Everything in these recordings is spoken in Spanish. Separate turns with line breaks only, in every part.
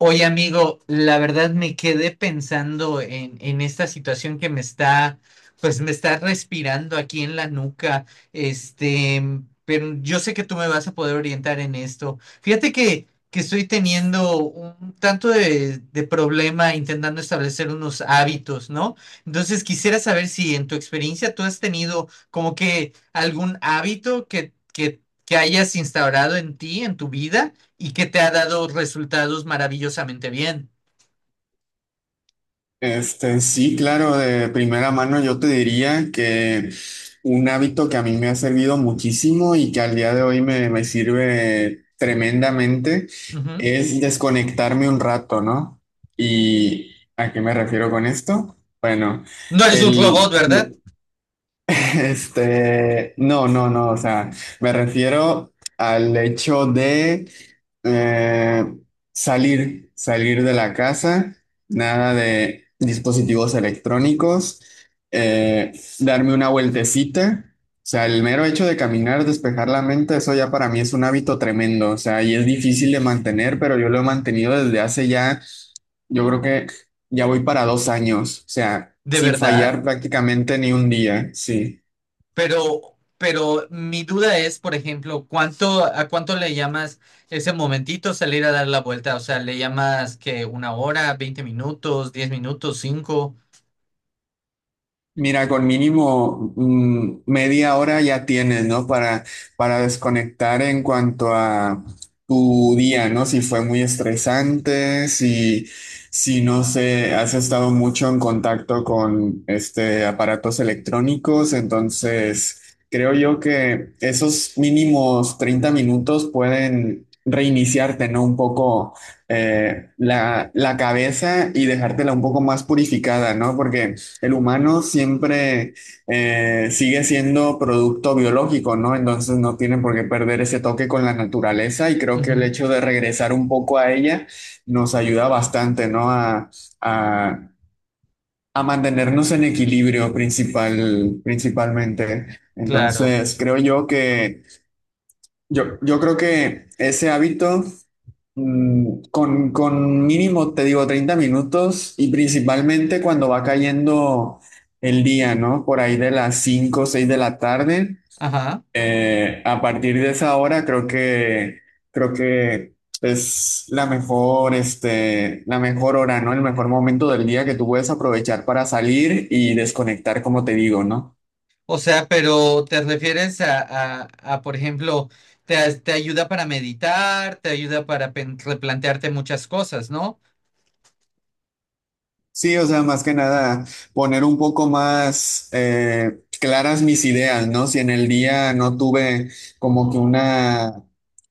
Oye, amigo, la verdad me quedé pensando en esta situación que me está respirando aquí en la nuca. Este, pero yo sé que tú me vas a poder orientar en esto. Fíjate que estoy teniendo un tanto de problema intentando establecer unos hábitos, ¿no? Entonces quisiera saber si en tu experiencia tú has tenido como que algún hábito que hayas instaurado en ti, en tu vida y que te ha dado resultados maravillosamente bien.
Sí, claro, de primera mano yo te diría que un hábito que a mí me ha servido muchísimo y que al día de hoy me sirve tremendamente
Ujú.
es desconectarme un rato, ¿no? ¿Y a qué me refiero con esto? Bueno,
No eres un robot,
el,
¿verdad?
no, no, no, o sea, me refiero al hecho de eh, salir de la casa, nada de dispositivos electrónicos, eh, darme una vueltecita, o sea, el mero hecho de caminar, despejar la mente, eso ya para mí es un hábito tremendo, o sea, y es difícil de mantener, pero yo lo he mantenido desde hace ya, yo creo que ya voy para 2 años, o sea,
De
sin
verdad,
fallar prácticamente ni un día, sí.
pero mi duda es, por ejemplo, ¿a cuánto le llamas ese momentito salir a dar la vuelta? O sea, ¿le llamas que una hora, 20 minutos, 10 minutos, cinco?
Mira, con mínimo 1/2 hora ya tienes, ¿no? Para desconectar en cuanto a tu día, ¿no? Si fue muy estresante, si no sé, has estado mucho en contacto con este aparatos electrónicos, entonces creo yo que esos mínimos 30 minutos pueden reiniciarte, ¿no? Un poco la cabeza y dejártela un poco más purificada, ¿no? Porque el humano siempre sigue siendo producto biológico, ¿no? Entonces no tiene por qué perder ese toque con la naturaleza y creo que el
Ujú,
hecho de regresar un poco a ella nos ayuda bastante, ¿no? A- a mantenernos en equilibrio principalmente.
claro.
Entonces creo yo que, yo creo que ese hábito con mínimo, te digo, 30 minutos y principalmente cuando va cayendo el día, ¿no? Por ahí de las 5 o 6 de la tarde.
Ajá.
A partir de esa hora creo que es la mejor hora, ¿no? El mejor momento del día que tú puedes aprovechar para salir y desconectar, como te digo, ¿no?
O sea, pero ¿te refieres por ejemplo, te ayuda para meditar, te ayuda para replantearte muchas cosas, ¿no?
Sí, o sea, más que nada poner un poco más claras mis ideas, ¿no? Si en el día no tuve como que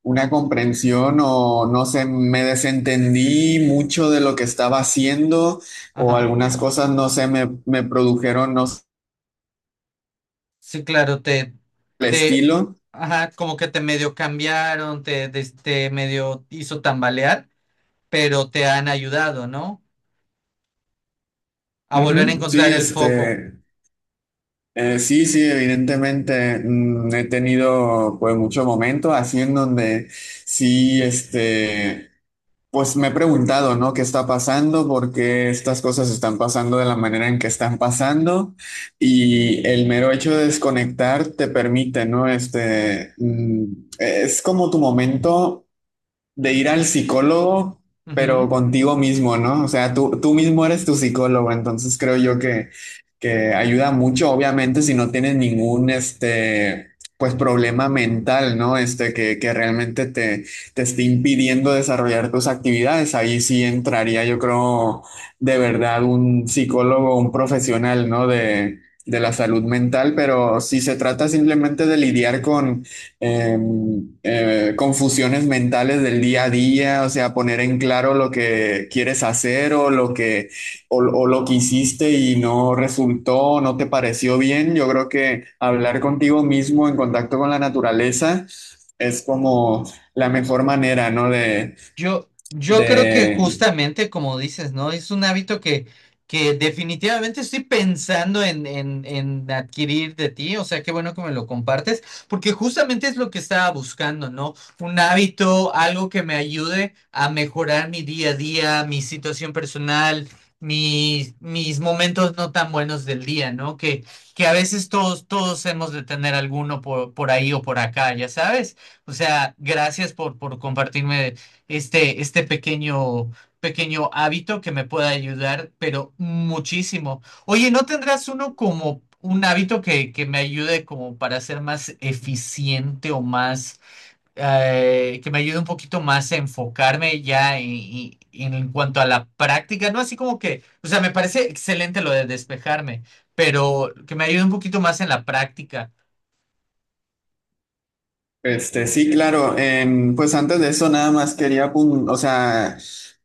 una comprensión o no sé, me desentendí mucho de lo que estaba haciendo o
Ajá.
algunas cosas, no sé, me produjeron, no sé,
Sí, claro,
el
te,
estilo.
ajá, como que te medio cambiaron, te medio hizo tambalear, pero te han ayudado, ¿no? A volver a
Ujú. Sí,
encontrar el foco.
sí, sí, evidentemente he tenido pues mucho momento así en donde sí, este pues me he preguntado, ¿no? ¿Qué está pasando? ¿Por qué estas cosas están pasando de la manera en que están pasando? Y el mero hecho de desconectar te permite, ¿no? Es como tu momento de ir al psicólogo, pero contigo mismo, ¿no? O sea, tú mismo eres tu psicólogo, entonces creo yo que ayuda mucho, obviamente, si no tienes pues problema mental, ¿no? Que realmente te esté impidiendo desarrollar tus actividades, ahí sí entraría, yo creo, de verdad, un psicólogo, un profesional, ¿no? De la salud mental, pero si se trata simplemente de lidiar con, eh, confusiones mentales del día a día, o sea, poner en claro lo que quieres hacer o lo que, o lo que hiciste y no resultó, no te pareció bien. Yo creo que hablar contigo mismo en contacto con la naturaleza es como la mejor manera, ¿no?
Yo creo que
De
justamente como dices, ¿no? Es un hábito que definitivamente estoy pensando en adquirir de ti, o sea, qué bueno que me lo compartes, porque justamente es lo que estaba buscando, ¿no? Un hábito, algo que me ayude a mejorar mi día a día, mi situación personal, mis momentos no tan buenos del día, ¿no? Que a veces todos hemos de tener alguno por ahí o por acá, ya sabes. O sea, gracias por compartirme este pequeño hábito que me pueda ayudar, pero muchísimo. Oye, ¿no tendrás uno como un hábito que me ayude como para ser más eficiente o más, que me ayude un poquito más a enfocarme ya en cuanto a la práctica? No así como que, o sea, me parece excelente lo de despejarme, pero que me ayude un poquito más en la práctica.
Sí, claro. Pues antes de eso, nada más quería, apun- o sea,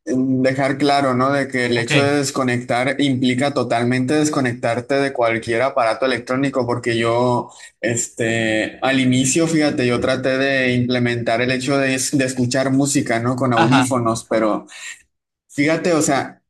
em, dejar claro, ¿no? De que el
Ok,
hecho de desconectar implica totalmente desconectarte de cualquier aparato electrónico, porque yo, al inicio, fíjate, yo traté de implementar el hecho de, de escuchar música, ¿no? Con
ajá,
audífonos, pero fíjate, o sea,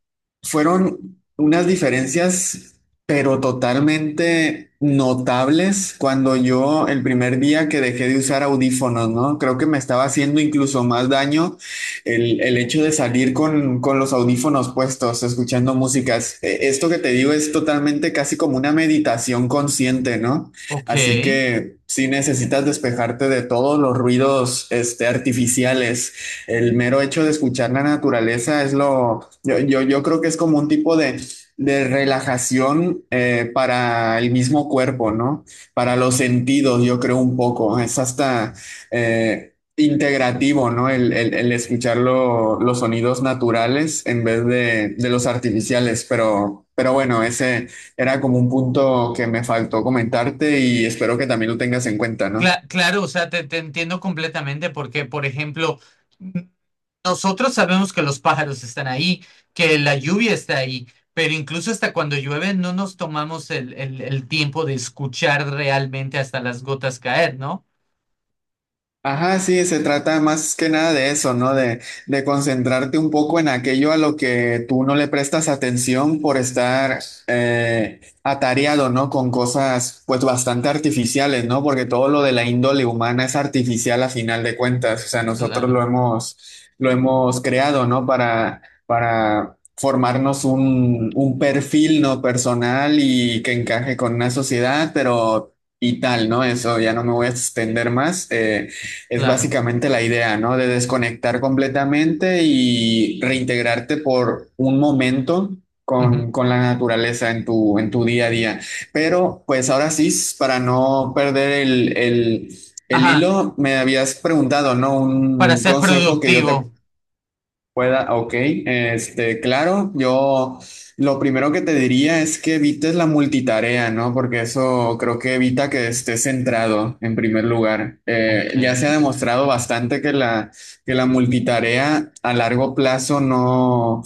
fueron unas diferencias, pero totalmente notables cuando yo el primer día que dejé de usar audífonos, ¿no? Creo que me estaba haciendo incluso más daño el hecho de salir con los audífonos puestos, escuchando músicas. Esto que te digo es totalmente casi como una meditación consciente, ¿no?
ok.
Así que si necesitas despejarte de todos los ruidos, artificiales, el mero hecho de escuchar la naturaleza es lo, yo creo que es como un tipo de relajación, para el mismo cuerpo, ¿no? Para los sentidos, yo creo un poco, es hasta integrativo, ¿no? El escuchar los sonidos naturales en vez de los artificiales, pero bueno, ese era como un punto que me faltó comentarte y espero que también lo tengas en cuenta, ¿no?
Claro, o sea, te entiendo completamente porque, por ejemplo, n- nosotros sabemos que los pájaros están ahí, que la lluvia está ahí, pero incluso hasta cuando llueve no nos tomamos el tiempo de escuchar realmente hasta las gotas caer, ¿no?
Ajá, sí, se trata más que nada de eso, ¿no? De concentrarte un poco en aquello a lo que tú no le prestas atención por estar atareado, ¿no? Con cosas pues bastante artificiales, ¿no? Porque todo lo de la índole humana es artificial a final de cuentas, o sea, nosotros
Claro,
lo hemos creado, ¿no? Para formarnos un perfil, ¿no? Personal y que encaje con una sociedad, pero... Y tal, ¿no? Eso ya no me voy a extender más. Es
claro.
básicamente la idea, ¿no? De desconectar completamente y reintegrarte por un momento
Ujú.
con la naturaleza en tu día a día. Pero pues ahora sí, para no perder el
Ajá,
hilo, me habías preguntado, ¿no?
para
Un
ser
consejo que yo te
productivo.
pueda, ok, claro, yo lo primero que te diría es que evites la multitarea, ¿no? Porque eso creo que evita que estés centrado en primer lugar.
Ok.
Ya se ha demostrado bastante que que la multitarea a largo plazo no,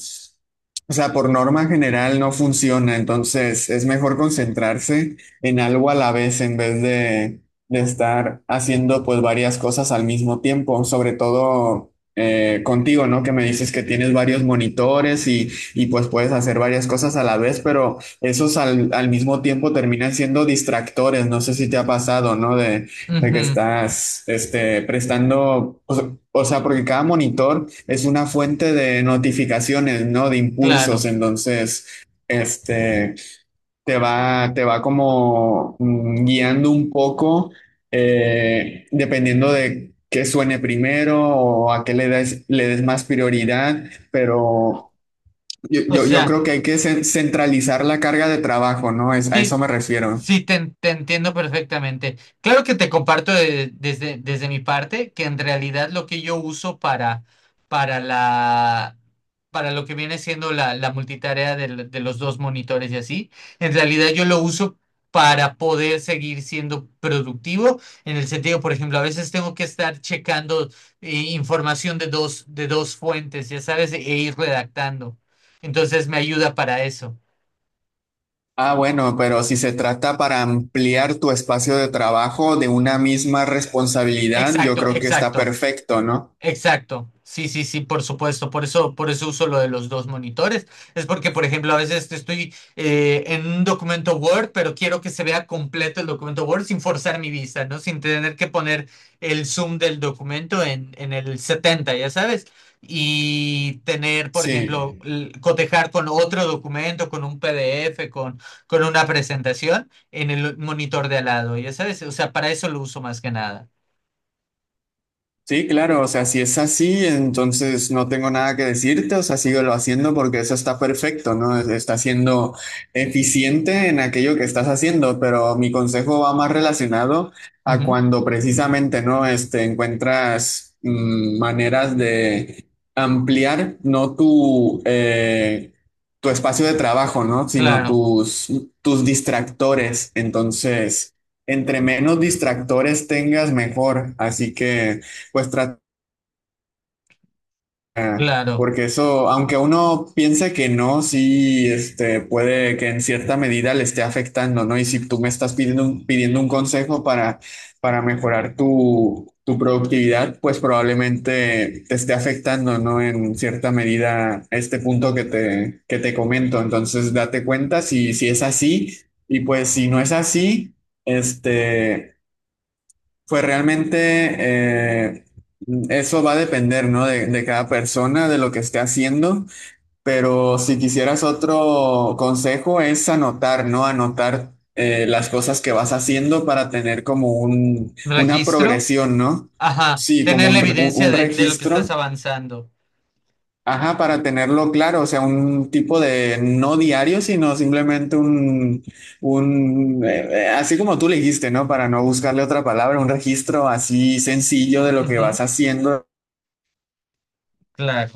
o sea, por norma general no funciona, entonces es mejor concentrarse en algo a la vez en vez de estar haciendo pues varias cosas al mismo tiempo, sobre todo contigo, ¿no? Que me dices que tienes varios monitores y pues puedes hacer varias cosas a la vez, pero esos al mismo tiempo terminan siendo distractores. No sé si te ha pasado, ¿no? De que
Ujú,
estás, prestando, o sea, porque cada monitor es una fuente de notificaciones, ¿no? De impulsos.
claro.
Entonces, este, te va como guiando un poco, dependiendo de qué suene primero o a qué le des más prioridad, pero yo,
O
yo, yo
sea.
creo que hay que centralizar la carga de trabajo, ¿no? Es, a
Sí,
eso me refiero.
sí, te entiendo perfectamente. Claro que te comparto desde desde mi parte que en realidad lo que yo uso para la, para lo que viene siendo la multitarea los dos monitores y así, en realidad yo lo uso para poder seguir siendo productivo, en el sentido, por ejemplo, a veces tengo que estar checando información de dos fuentes, ya sabes, e ir redactando. Entonces me ayuda para eso.
Ah, bueno, pero si se trata para ampliar tu espacio de trabajo de una misma responsabilidad, yo
Exacto,
creo que está
exacto.
perfecto, ¿no?
Exacto, sí, sí, sí, por supuesto, por eso, uso lo de los dos monitores, es porque, por ejemplo, a veces estoy en un documento Word, pero quiero que se vea completo el documento Word sin forzar mi vista, ¿no? Sin tener que poner el zoom del documento en el 70, ya sabes, y tener, por ejemplo,
Sí.
cotejar con otro documento, con un PDF, con una presentación en el monitor de al lado, ya sabes, o sea, para eso lo uso más que nada.
Sí, claro, o sea, si es así, entonces no tengo nada que decirte, o sea, síguelo haciendo porque eso está perfecto, ¿no? Está siendo eficiente en aquello que estás haciendo, pero mi consejo va más relacionado a
Ujú,
cuando precisamente, ¿no? Encuentras maneras de ampliar, no tu, tu espacio de trabajo, ¿no? Sino
claro,
tus, tus distractores. Entonces, entre menos distractores tengas, mejor. Así que pues trata,
claro.
porque eso, aunque uno piense que no, sí, puede que en cierta medida le esté afectando, ¿no? Y si tú me estás pidiendo un consejo para mejorar tu, tu productividad, pues probablemente te esté afectando, ¿no? En cierta medida este punto que te comento. Entonces, date cuenta si, si es así, y pues si no es así, este... Pues realmente eh, eso va a depender, ¿no? De cada persona, de lo que esté haciendo, pero si quisieras otro consejo es anotar, ¿no? Anotar las cosas que vas haciendo para tener como un, una
Registro.
progresión, ¿no?
Ajá.
Sí, como
Tener la
un,
evidencia
un
de lo que estás
registro.
avanzando.
Ajá, para tenerlo claro, o sea, un tipo de no diario, sino simplemente un así como tú le dijiste, ¿no? Para no buscarle otra palabra, un registro así sencillo de lo que
Ujú,
vas haciendo
claro.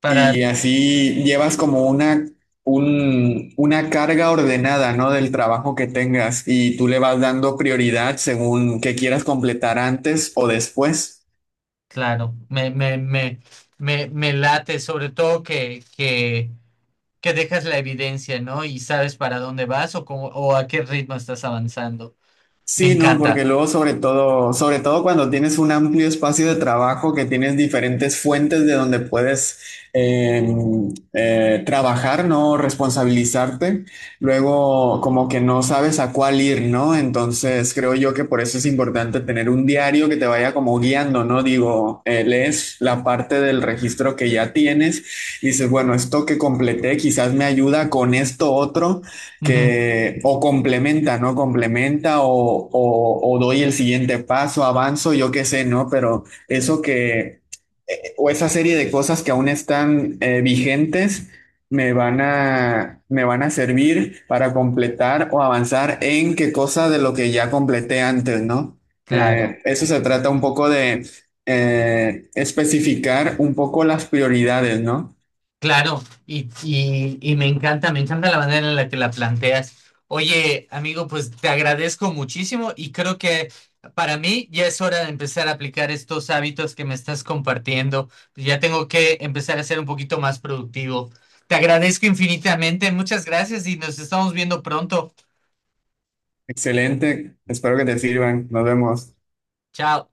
Para,
y así llevas como una, un, una carga ordenada, ¿no? Del trabajo que tengas y tú le vas dando prioridad según que quieras completar antes o después.
claro. Me late, sobre todo que dejas la evidencia, ¿no? Y sabes para dónde vas o, cómo, o a qué ritmo estás avanzando. Me
Sí, no, porque
encanta.
luego sobre todo cuando tienes un amplio espacio de trabajo, que tienes diferentes fuentes de donde puedes eh, trabajar, ¿no? Responsabilizarte, luego como que no sabes a cuál ir, ¿no? Entonces creo yo que por eso es importante tener un diario que te vaya como guiando, ¿no? Digo, lees la parte del registro que ya tienes, dices, bueno, esto que completé quizás me ayuda con esto otro
Ujú,
que o complementa, ¿no? Complementa o doy el siguiente paso, avanzo, yo qué sé, ¿no? Pero eso que, o esa serie de cosas que aún están vigentes, me van a servir para completar o avanzar en qué cosa de lo que ya completé antes, ¿no?
claro.
Eso se trata un poco de especificar un poco las prioridades, ¿no?
Claro, y me encanta la manera en la que la planteas. Oye, amigo, pues te agradezco muchísimo y creo que para mí ya es hora de empezar a aplicar estos hábitos que me estás compartiendo. Pues ya tengo que empezar a ser un poquito más productivo. Te agradezco infinitamente, muchas gracias y nos estamos viendo pronto.
Excelente, espero que te sirvan, nos vemos.
Chao.